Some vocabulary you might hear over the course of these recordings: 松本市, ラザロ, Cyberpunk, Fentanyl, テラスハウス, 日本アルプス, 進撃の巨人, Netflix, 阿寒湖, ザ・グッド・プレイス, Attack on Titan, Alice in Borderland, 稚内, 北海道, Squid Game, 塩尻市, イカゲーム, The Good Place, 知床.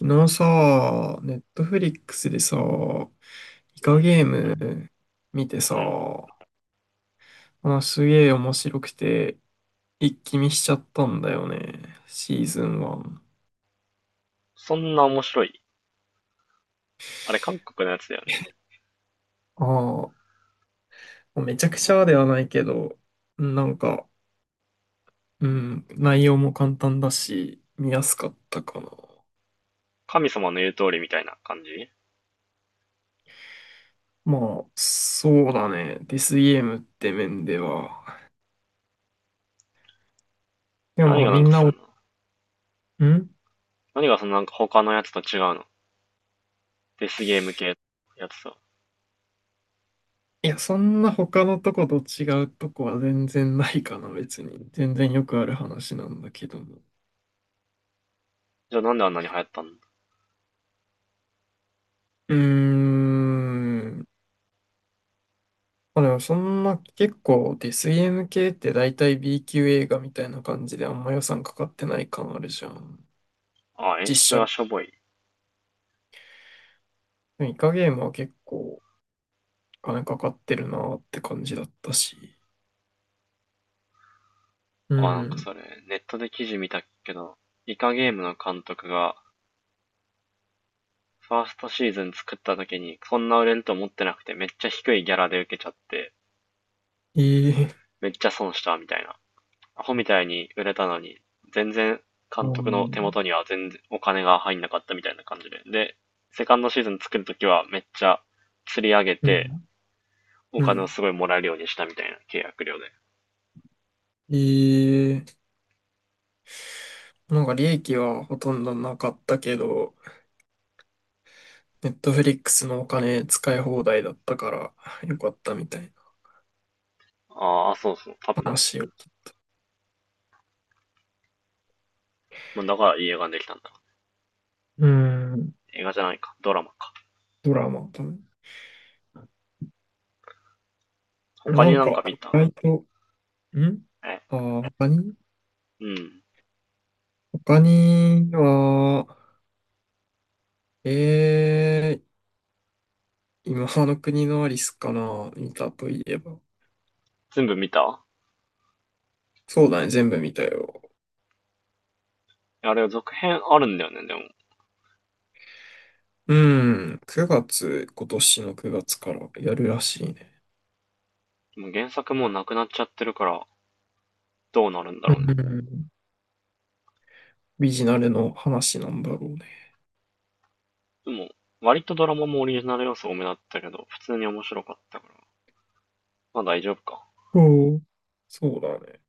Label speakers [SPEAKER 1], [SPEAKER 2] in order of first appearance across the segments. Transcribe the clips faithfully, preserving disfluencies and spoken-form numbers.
[SPEAKER 1] 昨日さ、ネットフリックスでさ、イ
[SPEAKER 2] う
[SPEAKER 1] カ
[SPEAKER 2] ん、
[SPEAKER 1] ゲーム見て
[SPEAKER 2] う
[SPEAKER 1] さ、
[SPEAKER 2] ん。
[SPEAKER 1] あ、すげえ面白くて、一気見しちゃったんだよね、シーズンワン。
[SPEAKER 2] そんな面白い？あれ、韓国のやつだよね。
[SPEAKER 1] ああ、めちゃくちゃではないけど、なんか、うん、内容も簡単だし、見やすかったかな。
[SPEAKER 2] 神様の言う通りみたいな感じ。
[SPEAKER 1] まあ、そうだね、デスゲームって面では。
[SPEAKER 2] え、
[SPEAKER 1] でも
[SPEAKER 2] 何
[SPEAKER 1] まあ
[SPEAKER 2] が、な
[SPEAKER 1] み
[SPEAKER 2] ん
[SPEAKER 1] ん
[SPEAKER 2] か
[SPEAKER 1] な、
[SPEAKER 2] そ
[SPEAKER 1] ん
[SPEAKER 2] んな、何がそんななんか他のやつと違うの？デスゲーム系のやつさ。
[SPEAKER 1] いや、そんな他のとこと違うとこは全然ないかな、別に。全然よくある話なんだけども。
[SPEAKER 2] じゃあなんであんなに流行ったんだ？
[SPEAKER 1] うーん。まあでもそんな結構デスゲーエム系って大体 B 級映画みたいな感じであんま予算かかってない感あるじゃん。
[SPEAKER 2] あ、演出
[SPEAKER 1] 実
[SPEAKER 2] が
[SPEAKER 1] 写。
[SPEAKER 2] しょぼい。
[SPEAKER 1] でもイカゲームは結構お金かかってるなって感じだったし。う
[SPEAKER 2] あ、なんかそ
[SPEAKER 1] ん。
[SPEAKER 2] れ、ネットで記事見たけど、イカゲームの監督が、ファーストシーズン作った時に、そんな売れると思ってなくて、めっちゃ低いギャラで受けちゃって、
[SPEAKER 1] ええ。
[SPEAKER 2] めっちゃ損したみたいな。アホみたいに売れたのに、全然
[SPEAKER 1] う
[SPEAKER 2] 監督の手
[SPEAKER 1] ん。
[SPEAKER 2] 元には全然お金が入んなかったみたいな感じで。で、セカンドシーズン作るときはめっちゃ釣り上げ
[SPEAKER 1] う
[SPEAKER 2] て、
[SPEAKER 1] ん。
[SPEAKER 2] お
[SPEAKER 1] う
[SPEAKER 2] 金を
[SPEAKER 1] ん。
[SPEAKER 2] すごいもらえるようにしたみたいな契約料で。
[SPEAKER 1] ええ。なんか利益はほとんどなかったけど、ネットフリックスのお金使い放題だったからよかったみたい
[SPEAKER 2] ああ、そうそう、多
[SPEAKER 1] な
[SPEAKER 2] 分ね。
[SPEAKER 1] 話を聞い。
[SPEAKER 2] もうだからいい映画にできたんだ。
[SPEAKER 1] うーん、
[SPEAKER 2] 映画じゃないか、ドラマか。
[SPEAKER 1] ドラマ。多分
[SPEAKER 2] 他
[SPEAKER 1] な
[SPEAKER 2] に
[SPEAKER 1] ん
[SPEAKER 2] な
[SPEAKER 1] か、
[SPEAKER 2] んか見
[SPEAKER 1] 意
[SPEAKER 2] た？
[SPEAKER 1] 外と、ん
[SPEAKER 2] え、
[SPEAKER 1] あー、他に
[SPEAKER 2] うん。
[SPEAKER 1] 他には、えー、今の国のアリスかな見たといえば。
[SPEAKER 2] 全部見た？
[SPEAKER 1] そうだね、全部見たよ。
[SPEAKER 2] あれ、続編あるんだよね、でも。
[SPEAKER 1] うん、くがつ、今年のくがつからやるらしいね。
[SPEAKER 2] もう原作もうなくなっちゃってるから、どうなるんだ
[SPEAKER 1] う
[SPEAKER 2] ろうね。
[SPEAKER 1] ん、ビジナルの話なんだろうね。
[SPEAKER 2] でも、割とドラマもオリジナル要素多めだったけど、普通に面白かったから。まあ大丈夫か。あ
[SPEAKER 1] おそうだね。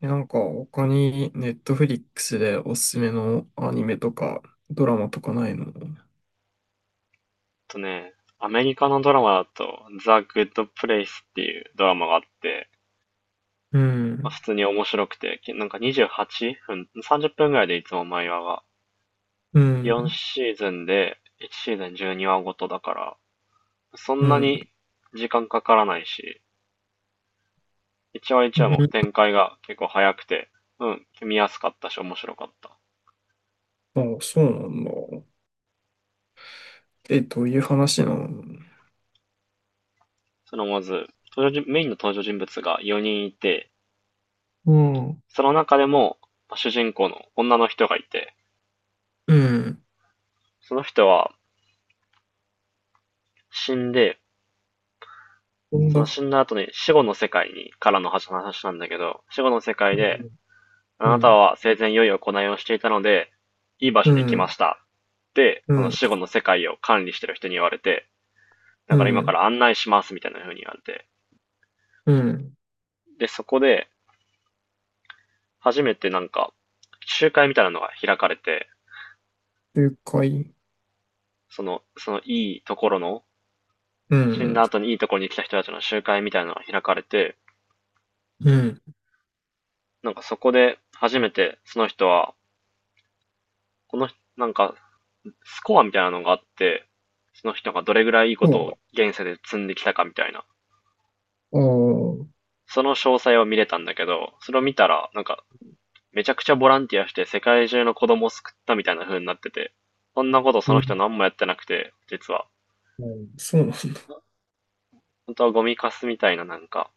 [SPEAKER 1] え、なんか他にネットフリックスでおすすめのアニメとかドラマとかないの？
[SPEAKER 2] とね、アメリカのドラマだと、ザ・グッド・プレイスっていうドラマがあって、
[SPEAKER 1] う
[SPEAKER 2] まあ、
[SPEAKER 1] ん、
[SPEAKER 2] 普通に面白くて、きなんかにじゅうはっぷん、さんじゅっぷんぐらいでいつも毎話が。
[SPEAKER 1] う
[SPEAKER 2] よん
[SPEAKER 1] ん、
[SPEAKER 2] シーズンで、いちシーズンじゅうにわごとだから、そ
[SPEAKER 1] う
[SPEAKER 2] んなに
[SPEAKER 1] ん。
[SPEAKER 2] 時間かからないし、いちわ1
[SPEAKER 1] う
[SPEAKER 2] 話も
[SPEAKER 1] ん。
[SPEAKER 2] 展開が結構早くて、うん、見やすかったし面白かった。
[SPEAKER 1] あ、そうなんだ。え、どういう話なの？
[SPEAKER 2] そのまず、登場人メインの登場人物がよにんいて、
[SPEAKER 1] うん、
[SPEAKER 2] その中でも、主人公の女の人がいて、
[SPEAKER 1] うん、
[SPEAKER 2] その人は死んで、
[SPEAKER 1] なん
[SPEAKER 2] その死
[SPEAKER 1] だ。
[SPEAKER 2] んだ後に死後の世界に、からの話なんだけど、死後の世界で、
[SPEAKER 1] う
[SPEAKER 2] あなた
[SPEAKER 1] ん、
[SPEAKER 2] は生前良い行いをしていたので、いい場
[SPEAKER 1] う
[SPEAKER 2] 所に来ま
[SPEAKER 1] ん、
[SPEAKER 2] した。で、
[SPEAKER 1] う
[SPEAKER 2] その
[SPEAKER 1] ん、
[SPEAKER 2] 死後の世界を管理してる人に言われて、だ
[SPEAKER 1] う
[SPEAKER 2] から今か
[SPEAKER 1] ん、
[SPEAKER 2] ら案内しますみたいな風に言われて。
[SPEAKER 1] うん。
[SPEAKER 2] で、そこで、初めてなんか、集会みたいなのが開かれて、
[SPEAKER 1] 了解。
[SPEAKER 2] その、そのいいところの、
[SPEAKER 1] う
[SPEAKER 2] 死んだ
[SPEAKER 1] ん、
[SPEAKER 2] 後にいいところに来た人たちの集会みたいなのが開かれて、
[SPEAKER 1] うん。
[SPEAKER 2] なんかそこで初めてその人は、この、なんかスコアみたいなのがあって、その人がどれぐらいいいことを
[SPEAKER 1] そ
[SPEAKER 2] 現世で積んできたかみたいな、
[SPEAKER 1] う。あ
[SPEAKER 2] その詳細を見れたんだけど、それを見たら、なんか、めちゃくちゃボランティアして世界中の子供を救ったみたいな風になってて、そんなこと
[SPEAKER 1] あ、
[SPEAKER 2] そ
[SPEAKER 1] い
[SPEAKER 2] の人
[SPEAKER 1] い。
[SPEAKER 2] 何もやってなくて、実は。
[SPEAKER 1] うん。そうなんだ。
[SPEAKER 2] 本当はゴミカスみたいななんか、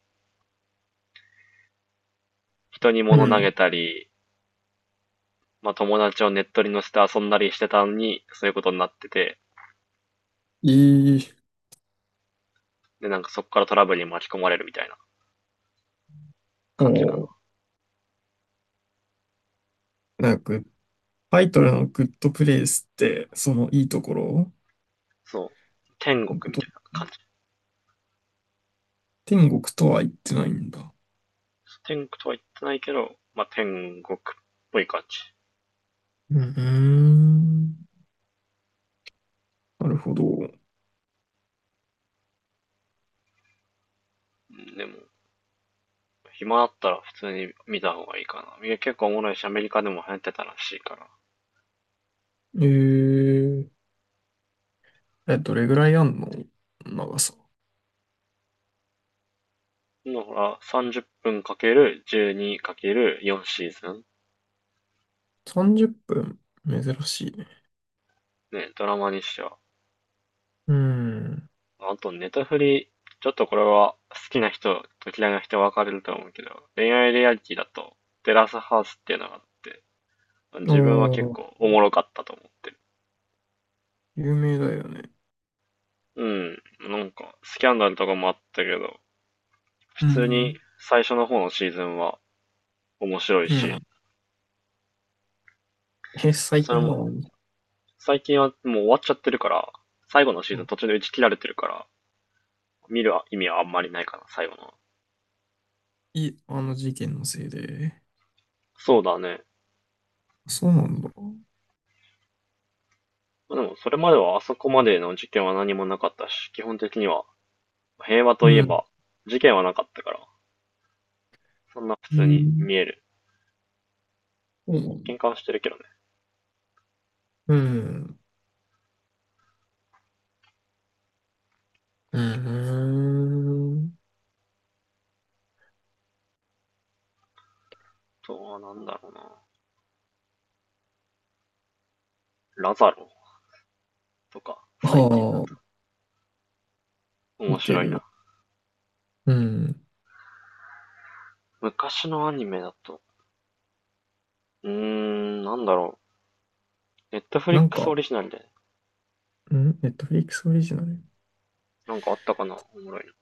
[SPEAKER 2] 人に
[SPEAKER 1] う
[SPEAKER 2] 物投げ
[SPEAKER 1] ん。
[SPEAKER 2] たり、まあ友達をネットに乗せて遊んだりしてたのに、そういうことになってて、
[SPEAKER 1] いい。
[SPEAKER 2] で、なんかそこからトラブルに巻き込まれるみたいな感じかな。
[SPEAKER 1] こう、なんかタイトルのグッドプレイスって、そのいいところ
[SPEAKER 2] そう。天
[SPEAKER 1] のこ
[SPEAKER 2] 国み
[SPEAKER 1] と、
[SPEAKER 2] たいな感じ。
[SPEAKER 1] 天国とは言ってないんだ。
[SPEAKER 2] 天国とは言ってないけど、まあ、天国っぽい感じ。
[SPEAKER 1] うん。うーん、なるほど。
[SPEAKER 2] でも、暇あったら普通に見た方がいいかな。いや、結構おもろいし、アメリカでも流行ってたらしいから。
[SPEAKER 1] えー、え、どれぐらいあんの？長さ。
[SPEAKER 2] だから、さんじゅっぷんかけるじゅうにかけるよんシーズン。
[SPEAKER 1] さんじゅっぷん。珍しいね。
[SPEAKER 2] ね、ドラマにしては。
[SPEAKER 1] うん。
[SPEAKER 2] あと、ネタフリ、ちょっとこれは好きな人と嫌いな人分かれると思うけど、恋愛リアリティだと、テラスハウスっていうのがあって、
[SPEAKER 1] お
[SPEAKER 2] 自分は結
[SPEAKER 1] ー、
[SPEAKER 2] 構おもろかったと思ってる。
[SPEAKER 1] 有名だよね。
[SPEAKER 2] うん、なんか、スキャンダルとかもあったけど、普
[SPEAKER 1] う
[SPEAKER 2] 通に
[SPEAKER 1] ん。
[SPEAKER 2] 最初の方のシーズンは面白い
[SPEAKER 1] う
[SPEAKER 2] し、
[SPEAKER 1] ん。え、最
[SPEAKER 2] そ
[SPEAKER 1] 近
[SPEAKER 2] れ
[SPEAKER 1] な
[SPEAKER 2] も、
[SPEAKER 1] の？
[SPEAKER 2] 最近はもう終わっちゃってるから、最後のシーズン
[SPEAKER 1] あ、
[SPEAKER 2] 途中で打ち切られてるから、見る意味はあんまりないかな、最後の。
[SPEAKER 1] いあの事件のせいで。
[SPEAKER 2] そうだね。
[SPEAKER 1] そうなんだ。
[SPEAKER 2] でも、それまではあそこまでの事件は何もなかったし、基本的には平和と
[SPEAKER 1] う
[SPEAKER 2] いえ
[SPEAKER 1] ん。
[SPEAKER 2] ば事件はなかったから、そんな普
[SPEAKER 1] え
[SPEAKER 2] 通に
[SPEAKER 1] ー、
[SPEAKER 2] 見える。
[SPEAKER 1] そうなんだ。
[SPEAKER 2] 喧嘩はしてるけどね。
[SPEAKER 1] うん。うん。うーん。
[SPEAKER 2] あとはなんだろうな。ラザロとか、
[SPEAKER 1] あ
[SPEAKER 2] 最近だと。
[SPEAKER 1] あ、
[SPEAKER 2] 面
[SPEAKER 1] 見て
[SPEAKER 2] 白い
[SPEAKER 1] る。
[SPEAKER 2] な。
[SPEAKER 1] うん。
[SPEAKER 2] 昔のアニメだと、うーん、なんだろう。ネットフリ
[SPEAKER 1] な
[SPEAKER 2] ッ
[SPEAKER 1] ん
[SPEAKER 2] クス
[SPEAKER 1] か、
[SPEAKER 2] オリジナルで、
[SPEAKER 1] んネットフリックスオリジナル。
[SPEAKER 2] なんかあったかなおもろいの。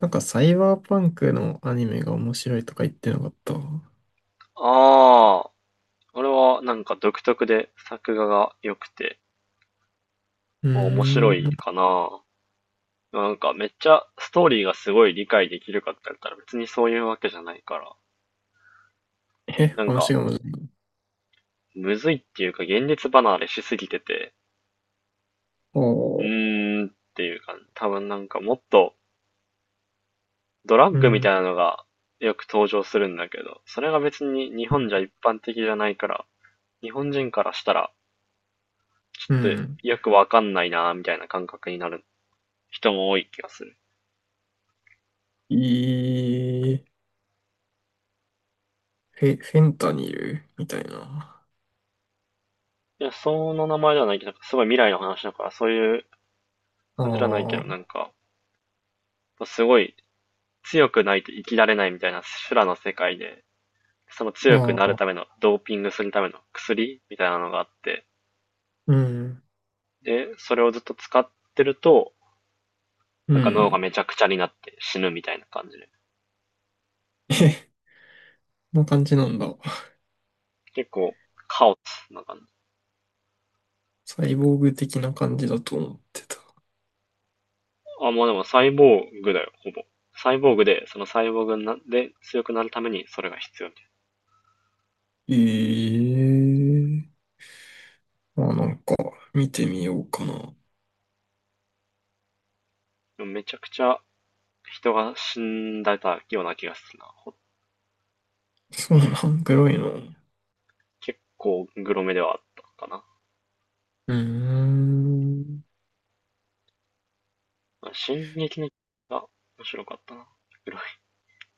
[SPEAKER 1] なんか、サイバーパンクのアニメが面白いとか言ってなかった？う
[SPEAKER 2] ああ、あれはなんか独特で作画が良くて、
[SPEAKER 1] ー
[SPEAKER 2] まあ、面白い
[SPEAKER 1] ん。
[SPEAKER 2] かな。なんかめっちゃストーリーがすごい理解できるかって言ったら別にそういうわけじゃないから、
[SPEAKER 1] え、
[SPEAKER 2] なん
[SPEAKER 1] 話
[SPEAKER 2] か
[SPEAKER 1] が難しい？
[SPEAKER 2] むずいっていうか現実離れしすぎてて、う
[SPEAKER 1] おー。
[SPEAKER 2] ーんっていうか、多分なんかもっとドラッ
[SPEAKER 1] う
[SPEAKER 2] グみた
[SPEAKER 1] ん。
[SPEAKER 2] いなのがよく登場するんだけど、それが別に日本じゃ一般的じゃないから、日本人からしたらちょ
[SPEAKER 1] う
[SPEAKER 2] っと
[SPEAKER 1] ん。
[SPEAKER 2] よくわかんないなみたいな感覚になる。人も多い気がする。
[SPEAKER 1] いい。フェ、フェンタニルみたいな。
[SPEAKER 2] いや、その名前ではないけど、なんかすごい未来の話だから、そういう感じではないけ
[SPEAKER 1] あ
[SPEAKER 2] ど、な
[SPEAKER 1] あ、
[SPEAKER 2] んか、すごい強くないと生きられないみたいな修羅の世界で、その強く
[SPEAKER 1] あ
[SPEAKER 2] なる
[SPEAKER 1] あ、
[SPEAKER 2] ための、ドーピングするための薬みたいなのがあって、
[SPEAKER 1] うん。
[SPEAKER 2] で、それをずっと使ってると、
[SPEAKER 1] う
[SPEAKER 2] なんか脳が
[SPEAKER 1] ん。
[SPEAKER 2] めちゃくちゃになって死ぬみたいな感じで。
[SPEAKER 1] え、こんな感じなんだ。
[SPEAKER 2] 結構、カオスな感じ。
[SPEAKER 1] サイボーグ的な感じだと思ってた。
[SPEAKER 2] あ、もうでもサイボーグだよ、ほぼ。サイボーグで、そのサイボーグで強くなるためにそれが必要みたいな。
[SPEAKER 1] ええー、まあなんか、見てみようかな。
[SPEAKER 2] でもめちゃくちゃ人が死んだような気がするな。
[SPEAKER 1] そうなの？グロいの？う
[SPEAKER 2] 結構グロめではあったか
[SPEAKER 1] ーん。
[SPEAKER 2] な。進撃の巨人が面白かったな。グロい。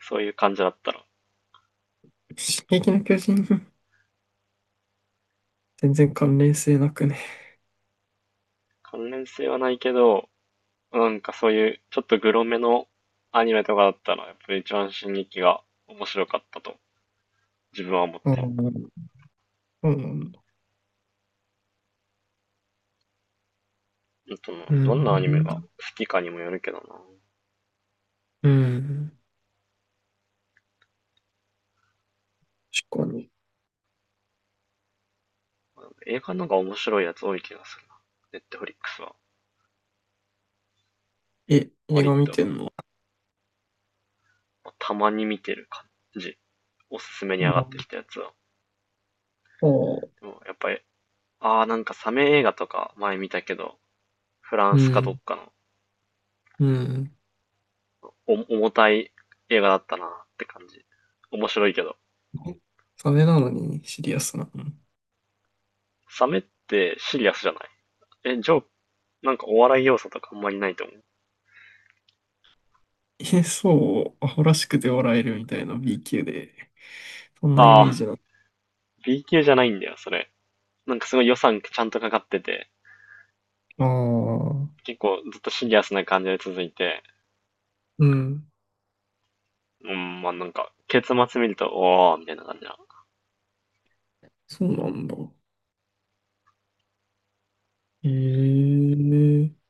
[SPEAKER 2] そういう感じだったら。
[SPEAKER 1] 進撃の巨人、全然関連性なくね？
[SPEAKER 2] 関連性はないけど、なんかそういうちょっとグロめのアニメとかだったら、やっぱり一番進撃が面白かったと自分は思って
[SPEAKER 1] ああ、そうなんだ。
[SPEAKER 2] る。と
[SPEAKER 1] う
[SPEAKER 2] どん
[SPEAKER 1] ん。
[SPEAKER 2] なアニメが好きかにもよるけどな。
[SPEAKER 1] うん。確かに。
[SPEAKER 2] 映画の方が面白いやつ多い気がするな。ネットフリックスは。
[SPEAKER 1] え、映
[SPEAKER 2] 割
[SPEAKER 1] 画見
[SPEAKER 2] と、
[SPEAKER 1] てんの？
[SPEAKER 2] たまに見てる感じ。おすすめに
[SPEAKER 1] あ
[SPEAKER 2] 上がってき
[SPEAKER 1] あ、
[SPEAKER 2] たやつは。
[SPEAKER 1] そ
[SPEAKER 2] でもやっぱり、ああ、なんかサメ映画とか前見たけど、フラン
[SPEAKER 1] う。う
[SPEAKER 2] スかどっ
[SPEAKER 1] ん。
[SPEAKER 2] か
[SPEAKER 1] うん。
[SPEAKER 2] のお重たい映画だったなって感じ。面白いけど。
[SPEAKER 1] え、それなのにシリアスなの？
[SPEAKER 2] サメってシリアスじゃない？え、ジョーク、なんかお笑い要素とかあんまりないと思う。
[SPEAKER 1] え、そう、アホらしくて笑えるみたいな B 級で。そんなイ
[SPEAKER 2] あ
[SPEAKER 1] メー
[SPEAKER 2] あ、
[SPEAKER 1] ジな
[SPEAKER 2] B 級じゃないんだよ、それ。なんかすごい予算ちゃんとかかってて、
[SPEAKER 1] の？ああ。
[SPEAKER 2] 結構ずっとシリアスな感じで続いて、
[SPEAKER 1] うん。
[SPEAKER 2] うん、まあなんか、結末見ると、おー、みたいな感じな。
[SPEAKER 1] そうなんだ。ええ。